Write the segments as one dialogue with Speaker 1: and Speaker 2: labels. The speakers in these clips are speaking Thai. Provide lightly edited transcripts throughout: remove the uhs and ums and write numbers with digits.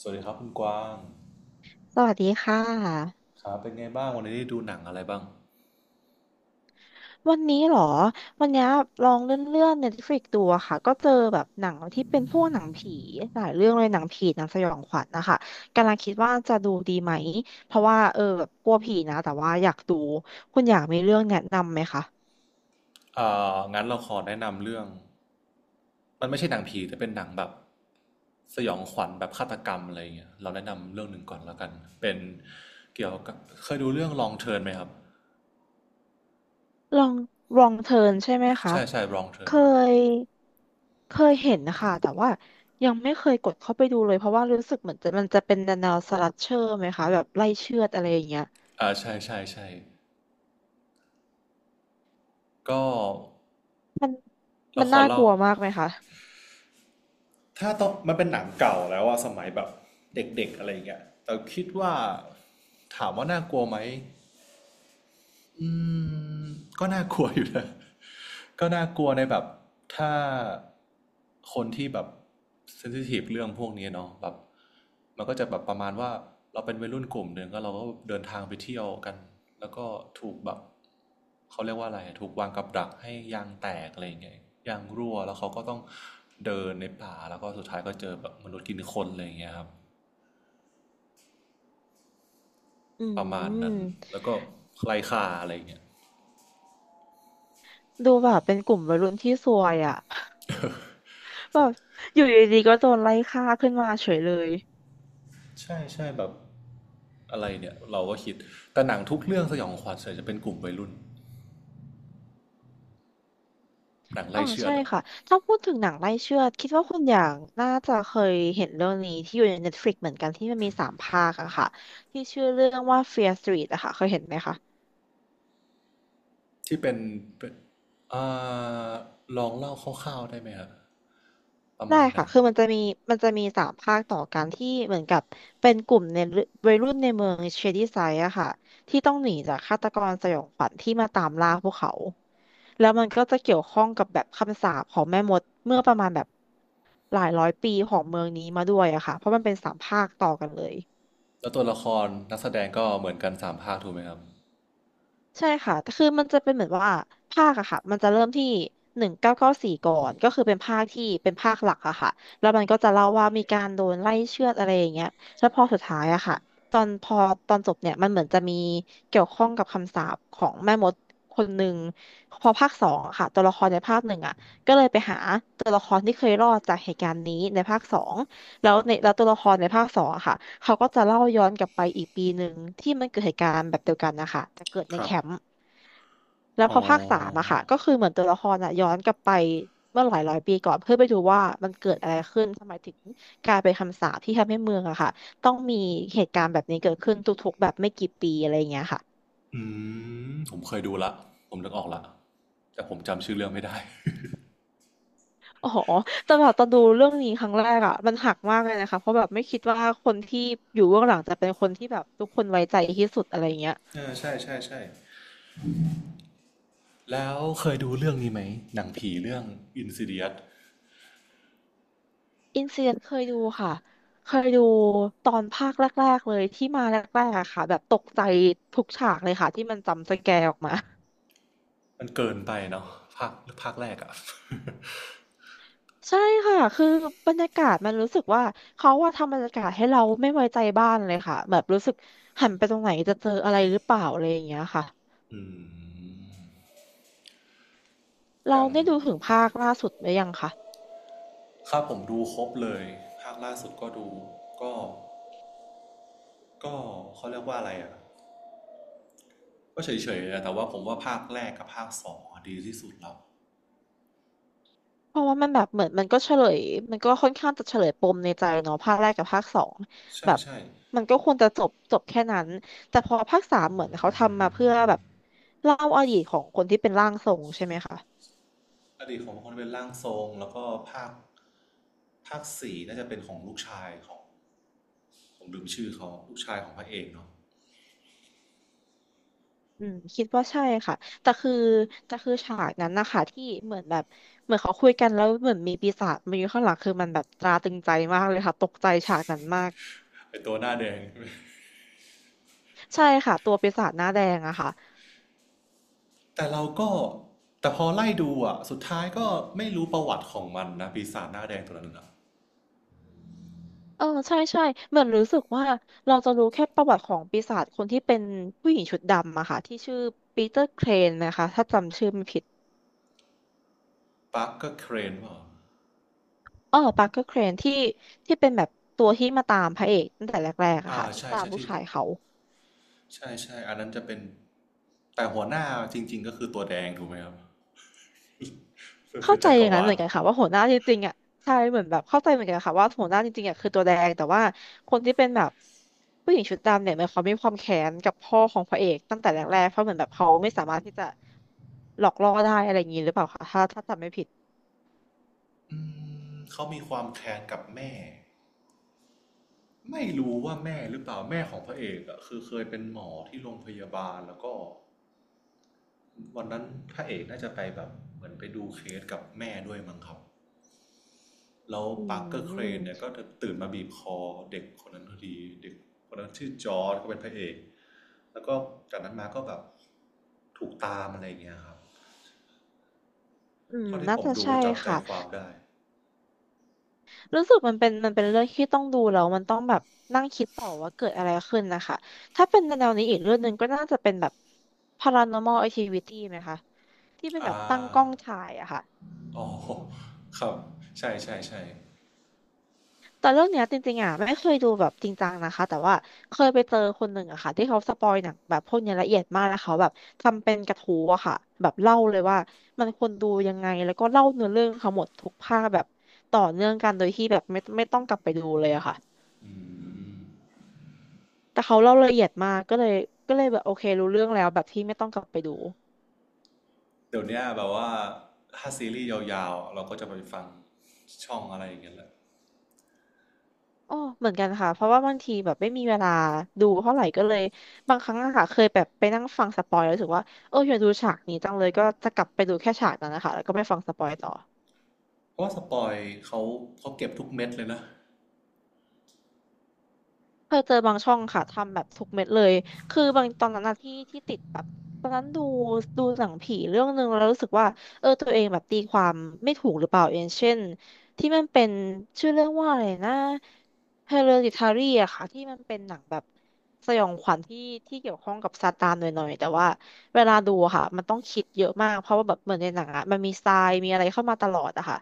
Speaker 1: สวัสดีครับคุณกวาง
Speaker 2: สวัสดีค่ะ
Speaker 1: ครับเป็นไงบ้างวันนี้ได้ดูหนังอะไรบ้าง
Speaker 2: วันนี้เหรอ วันนี้ลองเลื่อนๆ Netflix ดูอะค่ะก็เจอแบบหนังที่เป็นพวกหนังผีหลายเรื่องเลยหนังผีหนังสยองขวัญนะคะกำลังคิดว่าจะดูดีไหมเพราะว่าเออแบบกลัวผีนะแต่ว่าอยากดูคุณอยากมีเรื่องแนะนำไหมคะ
Speaker 1: เอ่างั้นเราขอแนะนำเรื่องมันไม่ใช่หนังผีแต่เป็นหนังแบบสยองขวัญแบบฆาตกรรมอะไรอย่างเงี้ยเราแนะนำเรื่องหนึ่งก่อนแล้วกันเป็นเกี่ยวกับเคยดูเรื่อง Long Turn ไหมครับ
Speaker 2: ลองลองเทิร์นใช่ไหมคะ
Speaker 1: ใช่ใช่ Long
Speaker 2: เค
Speaker 1: Turn
Speaker 2: ยเคยเห็นนะคะแต่ว่ายังไม่เคยกดเข้าไปดูเลย เพราะว่ารู้สึกเหมือนจะมันจะเป็นแนวสลัชเชอร์ไหมคะแบบไล่เชือดอะไรอย่างเงี้ย
Speaker 1: ใช่ใช่ใช่ก็เรา
Speaker 2: มัน
Speaker 1: ขอ
Speaker 2: น่าก
Speaker 1: เล่า
Speaker 2: ลัวมากไหมคะ
Speaker 1: ถ้าต้องมันเป็นหนังเก่าแล้วอะสมัยแบบเด็กๆอะไรอย่างเงี้ยแต่คิดว่าถามว่าน่ากลัวไหม อืมก็น่ากลัวอยู่นะ ก็น่ากลัวในแบบถ้าคนที่แบบเซนซิทีฟเรื่องพวกนี้เนาะแบบมันก็จะแบบประมาณว่าเราเป็นวัยรุ่นกลุ่มหนึ่งก็เราก็เดินทางไปเที่ยวกันแล้วก็ถูกแบบเขาเรียกว่าอะไรอะถูกวางกับดักให้ยางแตกอะไรอย่างเงี้ยยางรั่วแล้วเขาก็ต้องเดินในป่าแล้วก็สุดท้ายก็เจอแบบมนุษย์กินคนอะไรอย่างเงี้ยครับ
Speaker 2: อื
Speaker 1: ประมาณ
Speaker 2: ม
Speaker 1: นั้นแล้วก็ไร้ค่าอะไรอย่างเงี้ย
Speaker 2: ดูแบบเป็นกลุ่มวัยรุ่นที่ซวยอ่ะ แบบอยู่ดีๆก็โดนไล่ฆ่าขึ้นมาเฉยเลย
Speaker 1: ใช่ใช่แบบ อะไรเนี่ยเราก็คิดแต่หนังทุกเรื่องสยองขวัญส่วนใหญ่จะเป็นกลุ่มวัยรุ่นหนัง
Speaker 2: อ๋อ
Speaker 1: ไล่เชือ
Speaker 2: ใช่
Speaker 1: ดอะ
Speaker 2: ค่ะถ้าพูดถึงหนังไล่เชือดคิดว่าคุณอย่างน่าจะเคยเห็นเรื่องนี้ที่อยู่ใน Netflix เหมือนกันที่มันมีสามภาคอะค่ะที่ชื่อเรื่องว่า Fear Street อะค่ะเคยเห็นไหมคะ
Speaker 1: ที่เป็นเอ่าลองเล่าคร่าวๆได้ไหมครับประ
Speaker 2: ได้
Speaker 1: มาณไหน
Speaker 2: ค่ะคือมันจะมีสามภาคต่อกันที่เหมือนกับเป็นกลุ่มในวัยรุ่นในเมืองเชดี้ไซด์อะค่ะที่ต้องหนีจากฆาตกรสยองขวัญที่มาตามล่าพวกเขา แล้วมันก็จะเกี่ยวข้องกับแบบคำสาปของแม่มดเมื่อประมาณแบบหลายร้อยปีของเมืองนี้มาด้วยอะค่ะเพราะมันเป็นสามภาคต่อกันเลย
Speaker 1: แล้วตัวละครนักแสดงก็เหมือนกันสามภาคถูกไหมครับ
Speaker 2: ใช่ค่ะแต่คือมันจะเป็นเหมือนว่าภาคอะค่ะมันจะเริ่มที่1994ก่อนก็คือเป็นภาคที่เป็นภาคหลักอะค่ะแล้วมันก็จะเล่าว่ามีการโดนไล่เชือดอะไรอย่างเงี้ยแล้วพอสุดท้ายอะค่ะตอนพอตอนจบเนี่ยมันเหมือนจะมีเกี่ยวข้องกับคำสาปของแม่มดคนหนึ่งพอภาคสองอะค่ะตัวละครในภาคหนึ่งอะก็เลยไปหาตัวละครที่เคยรอดจากเหตุการณ์นี้ในภาคสอง
Speaker 1: ครับ
Speaker 2: แล้วตัวละครในภาคสองอะค่ะเขาก็จะเล่าย้อนกลับไปอีกปีหนึ่งที่มันเกิดเหตุการณ์แบบเดียวกันนะคะจะเกิดใน
Speaker 1: ครั
Speaker 2: แค
Speaker 1: บ
Speaker 2: มป์แล้วพ
Speaker 1: อ๋
Speaker 2: อภาคสามอะ
Speaker 1: อ
Speaker 2: ค่ะก็คือเหมือนตัวละครอะย้อนกลับไปเมื่อหลายร้อยปีก่อนเพื่อไปดูว่ามันเกิดอะไรขึ้นทำไมถึงกลายเป็นคำสาปที่ทำให้เมืองอะค่ะต้องมีเหตุการณ์แบบนี้เกิดขึ้นทุกๆแบบไม่กี่ปีอะไรอย่างเงี้ยค่ะ
Speaker 1: อืผมเคยดูละผมนึกออกละแต่ผมจำชื่อเรื่องไม่ได้
Speaker 2: อ๋อแต่แบบตอนดูเรื่องนี้ครั้งแรกอะมันหักมากเลยนะคะเพราะแบบไม่คิดว่าคนที่อยู่เบื้องหลังจะเป็นคนที่แบบทุกคนไว้ใจที่สุดอะไรอย่างเงี้ย
Speaker 1: เออใช่ใช่ใช่แล้วเคยดูเรื่องนี้ไหมหนังผีเรื่อง Insidious
Speaker 2: อินซีเคยดูค่ะเคยดูตอนภาคแรกๆเลยที่มาแรกๆอะค่ะแบบตกใจทุกฉากเลยค่ะที่มันจำสแกร์ออกมา
Speaker 1: มันเกินไปเนาะภาคภาคแรกอะ
Speaker 2: ใช่ค่ะคือบรรยากาศมันรู้สึกว่าเขาว่าทำบรรยากาศให้เราไม่ไว้ใจบ้านเลยค่ะแบบรู้สึกหันไปตรงไหนจะเจออะไรหรือเปล่าอะไรอย่างเงี้ยค่ะ
Speaker 1: อืมอ
Speaker 2: เรา
Speaker 1: ย่าง
Speaker 2: ได้ดูถึงภาคล่าสุดหรือยังคะ
Speaker 1: ถ้าผมดูครบเลยภาคล่าสุดก็ดูก็ก็เขาเรียกว่าอะไรอ่ะก็เฉยๆนะแต่ว่าผมว่าภาคแรกกับภาคสองอะดีที่สุดแล้ว
Speaker 2: เพราะว่ามันแบบเหมือนมันก็เฉลยมันก็ค่อนข้างจะเฉลยปมในใจเนาะภาคแรกกับภาคสอง
Speaker 1: ใช่
Speaker 2: แบบ
Speaker 1: ใช่
Speaker 2: มันก็ควรจะจบจบแค่นั้นแต่พอภาคสามเหมือนเขาทำมาเพื่อแบบเล่าอดีตของคนที่เป็นร่างทรงใช่ไหมคะ
Speaker 1: อดีตของคนเป็นร่างทรงแล้วก็ภาคภาคสี่น่าจะเป็นของลูกชายของผมลืมชื่อเขาลูกชายของพระเอกเนาะ
Speaker 2: อืมคิดว่าใช่ค่ะแต่คือแต่คือฉากนั้นนะคะที่เหมือนแบบเหมือนเขาคุยกันแล้วเหมือนมีปีศาจมาอยู่ข้างหลังคือมันแบบตราตรึงใจมากเลยค่ะตกใจฉากนั้นมาก
Speaker 1: เป็นตัวหน้าแดง
Speaker 2: ใช่ค่ะตัวปีศาจหน้าแดงอะค่ะ
Speaker 1: แต่เราก็แต่พอไล่ดูอ่ะสุดท้ายก็ไม่รู้ประวัติของมันนะปีศาจหน้าแดงตัวนั้นนะ
Speaker 2: เออใช่ใช่เหมือนรู้สึกว่าเราจะรู้แค่ประวัติของปีศาจคนที่เป็นผู้หญิงชุดดำอะค่ะที่ชื่อปีเตอร์เครนนะคะถ้าจำชื่อไม่ผิด
Speaker 1: ปักก็เครนว่า
Speaker 2: อ๋อปาร์เกอร์เครนที่ที่เป็นแบบตัวที่มาตามพระเอกตั้งแต่แรกๆอะค่ะที่
Speaker 1: ใช่
Speaker 2: ตาม
Speaker 1: ใช่
Speaker 2: ลูก
Speaker 1: ที่
Speaker 2: ชายเขา
Speaker 1: ใช่ใช่อันนั้นจะเป็นแต่หัวหน้าจริงๆก็คือตัวแดงถูกไหมครับเป็น
Speaker 2: เข้า
Speaker 1: เป็น
Speaker 2: ใจ
Speaker 1: จัก
Speaker 2: อ
Speaker 1: ร
Speaker 2: ย่างนั้น
Speaker 1: วา
Speaker 2: เหมื
Speaker 1: ล
Speaker 2: อนกันค่ะว่าหัวหน้าจริงๆอะใช่เหมือนแบบเข้าใจเหมือนกันค่ะว่าหัวหน้าจริงๆอะคือตัวแดงแต่ว่าคนที่เป็นแบบผู้หญิงชุดดำเนี่ยเหมันเขามีความแค้นกับพ่อของพระเอกตั้งแต่แรกๆเพราะเหมือนแบบเขาไม่สามารถที่จะหลอกล่อได้อะไรอย่างนี้หรือเปล่าคะถ้าจำไม่ผิด
Speaker 1: อืมเขามีความแค้นกับแม่ไม่รู้ว่าแม่หรือเปล่าแม่ของพระเอกอะคือเคยเป็นหมอที่โรงพยาบาลแล้วก็วันนั้นพระเอกน่าจะไปแบบเหมือนไปดูเคสกับแม่ด้วยมั้งครับแล้ว
Speaker 2: อื
Speaker 1: ปาร์คเกอร์เครนเนี่ย
Speaker 2: ม
Speaker 1: ก็ตื่นมาบีบคอเด็กคนนั้นพอดีเด็กคนนั้นชื่อจอร์ดก็เป็นพระเอกแล้วก็จากนั้นมาก็แบบถูกตามอะไรอย่างเงี้ยครับ
Speaker 2: อืม
Speaker 1: เท่าที่
Speaker 2: น่า
Speaker 1: ผม
Speaker 2: จะ
Speaker 1: ดู
Speaker 2: ใช่
Speaker 1: ก็จับใจ
Speaker 2: ค่ะ
Speaker 1: ความได้
Speaker 2: รู้สึกมันเป็นเรื่องที่ต้องดูแล้วมันต้องแบบนั่งคิดต่อว่าเกิดอะไรขึ้นนะคะ ถ้าเป็นแนวนี้อีกเรื่องหนึ่งก็น่าจะเป็นแบบ paranormal activity ไหมคะ ที่เป็น
Speaker 1: อ่
Speaker 2: แบบตั้ง
Speaker 1: า
Speaker 2: กล้องถ่ายอะค่ะ
Speaker 1: อ๋อ ครับ ใช่ใช่ใช่
Speaker 2: แต่เรื่องเนี้ยจริงๆอ่ะไม่เคยดูแบบจริงจังนะคะแต่ว่าเคยไปเจอคนหนึ่งอะค่ะที่เขาสปอยหนังแบบพวกเนี้ยละเอียดมากแล้วเขาแบบทำเป็นกระทู้อะค่ะแบบเล่าเลยว่ามันควรดูยังไงแล้วก็เล่าเนื้อเรื่องเขาหมดทุกภาคแบบต่อเนื่องกันโดยที่แบบไม่ต้องกลับไปดูเลยอะค่ะแต่เขาเล่าละเอียดมากก็เลยแบบโอเครู้เรื่องแล้วแบบที่ไม่ต้องกลับไปดู
Speaker 1: เดี๋ยวนี้แบบว่าถ้าซีรีส์ยาวๆเราก็จะไปฟังช่องอะไรอย่างเงี้ยแหละ
Speaker 2: อ๋อเหมือนกันค่ะ เพราะว่าบางทีแบบไม่มีเวลาดูเท่าไหร่ก็เลยบางครั้งอะค่ะเคยแบบไปนั่งฟังสปอยแล้วรู้สึกว่าเอออยากดูฉากนี้จังเลยก็จะกลับไปดูแค่ฉากนั้นนะคะแล้วก็ไม่ฟังสปอยต่อ
Speaker 1: เพราะว่าสปอยเขาเขาเก็บทุกเม็ดเลยนะ
Speaker 2: เคยเจอบางช่องค่ะทำแบบทุกเม็ดเลยคือบางตอนนั้นน่ะที่ติดแบบตอนนั้นดูหนังผีเรื่องหนึ่งแล้วรู้สึกว่าเออตัวเองแบบตีความไม่ถูกหรือเปล่าอย่างเช่นที่มันเป็นชื่อเรื่องว่าอะไรนะ Hereditary อะค่ะที่มันเป็นหนังแบบสยองขวัญที่เกี่ยวข้องกับซาตานหน่อยๆแต่ว่าเวลาดูอะค่ะมันต้องคิดเยอะมากเพราะว่าแบบเหมือนในหนังอะมันมีทรายมีอะไรเข้ามาตลอดอะค่ะ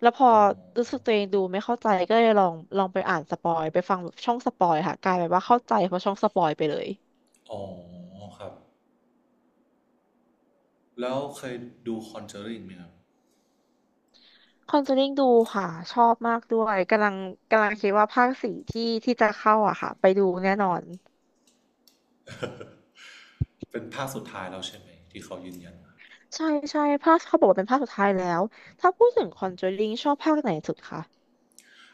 Speaker 2: แล้วพอ
Speaker 1: อ๋
Speaker 2: รู้
Speaker 1: อ
Speaker 2: สึกตัวเองดูไม่เข้าใจก็เลยลองไปอ่านสปอยไปฟังแบบช่องสปอยค่ะกลายเป็นว่าเข้าใจเพราะช่องสปอยไปเลย
Speaker 1: อ๋อ ครับ แล้วเคยดูคอนเจอริงไหมครับ
Speaker 2: คอนเจอริงดูค่ะชอบมากด้วยกำลังคิดว่าภาคสี่ที่จะเข้าอะค่ะไปดูแน่นอน
Speaker 1: เป็นภาคสุดท้ายแล้วใช่ไหมที่เขายืนยัน
Speaker 2: ใช่ใช่ภาคเขาบอกว่าเป็นภาคสุดท้ายแล้วถ้าพูดถึงคอนเจอริงชอบภาคไหนสุดคะ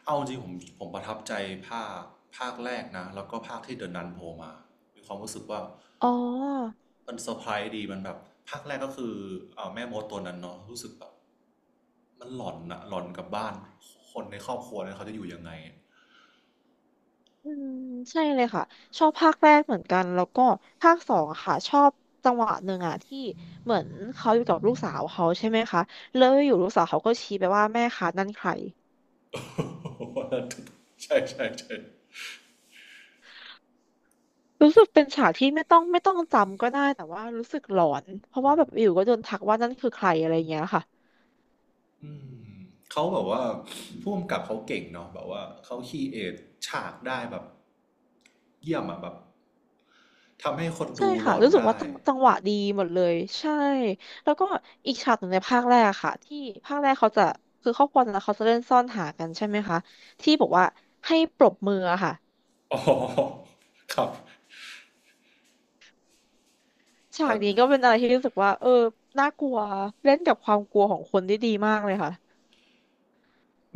Speaker 1: เอาจริงผมประทับใจภาคภาคแรกนะแล้วก็ภาคที่เดินนันโผล่มามีความรู้สึกว่า
Speaker 2: อ๋อ
Speaker 1: มันเซอร์ไพรส์ดีมันแบบภาคแรกก็คือแม่มดตัวนั้นเนาะรู้สึกแบบมันหลอนอะหลอนกับบ้านคนในครอบครัวนั้นเขาจะอยู่ยังไง
Speaker 2: อืมใช่เลยค่ะชอบภาคแรกเหมือนกันแล้วก็ภาคสองอะค่ะชอบจังหวะหนึ่งอ่ะที่เหมือนเขาอยู่กับลูกสาวเขาใช่ไหมคะแล้วอยู่ลูกสาวเขาก็ชี้ไปว่าแม่คะนั่นใคร
Speaker 1: ใช่ใช่ใช่
Speaker 2: รู้สึกเป็นฉากที่ไม่ต้องจำก็ได้แต่ว่ารู้สึกหลอนเพราะว่าแบบอยู่ก็โดนทักว่านั่นคือใครอะไรอย่างเงี้ยค่ะ
Speaker 1: อืมเขาแบบว่าผู้กำกับเขาเก่งเนาะแบบว่าเขาคีเอทฉากได้แบบเยี่ยมอะแบบทำให้คน
Speaker 2: ใช่
Speaker 1: ดูหล
Speaker 2: ค่ะ
Speaker 1: อน
Speaker 2: รู้สึก
Speaker 1: ได้
Speaker 2: ว่าจังหวะดีหมดเลยใช่แล้วก็อีกฉากหนึ่งในภาคแรกอะค่ะที่ภาคแรกเขาจะคือครอบครัวนั้นเขาจะเล่นซ่อนหากันใช่ไหมคะที่บอกว่าให้ปรบมืออะค่ะ
Speaker 1: อ๋อ ครับ
Speaker 2: ฉา
Speaker 1: แล้
Speaker 2: ก
Speaker 1: ว
Speaker 2: นี้ก็เป็นอะไรที่รู้สึกว่าเออน่ากลัวเล่นกับความกลัวของคนได้ดีมากเลยค่ะ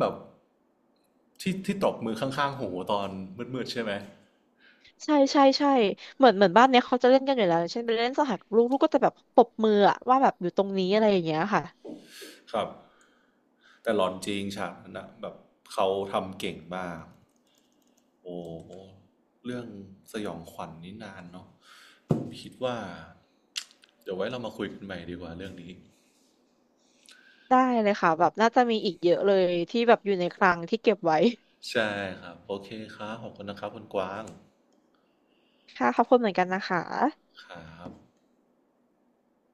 Speaker 1: แบบที่ที่ตบมือข้างๆหูตอนมืดๆใช่ไหม
Speaker 2: ใช่ใช่ใช่เหมือนบ้านเนี้ยเขาจะเล่นกันอยู่แล้วอย่างเช่นไปเล่นสหกบลูกก็จะแบบปรบมืออะว่าแบบอยู่ตรงนี้อะไรอย่างเงี้ยค่ะ
Speaker 1: ครับแต่หลอนจริงฉากนั้นน่ะแบบเขาทำเก่งมากโอ้โหเรื่องสยองขวัญนนี่นานเนาะผมคิดว่า เดี๋ยวไว้เรามาคุยกันใหม่ดีกว่าเรื่องนี้
Speaker 2: ได้เลยค่ะแบบน่าจะมีอีกเยอะเลยที่แบบอยู่ในคลังที่เก็บไว้
Speaker 1: ใช่ครับโอเคครับขอบคุณนะครับคุณกวาง
Speaker 2: ค่ะขอบคุณเหมือนกันนะคะ
Speaker 1: ครับ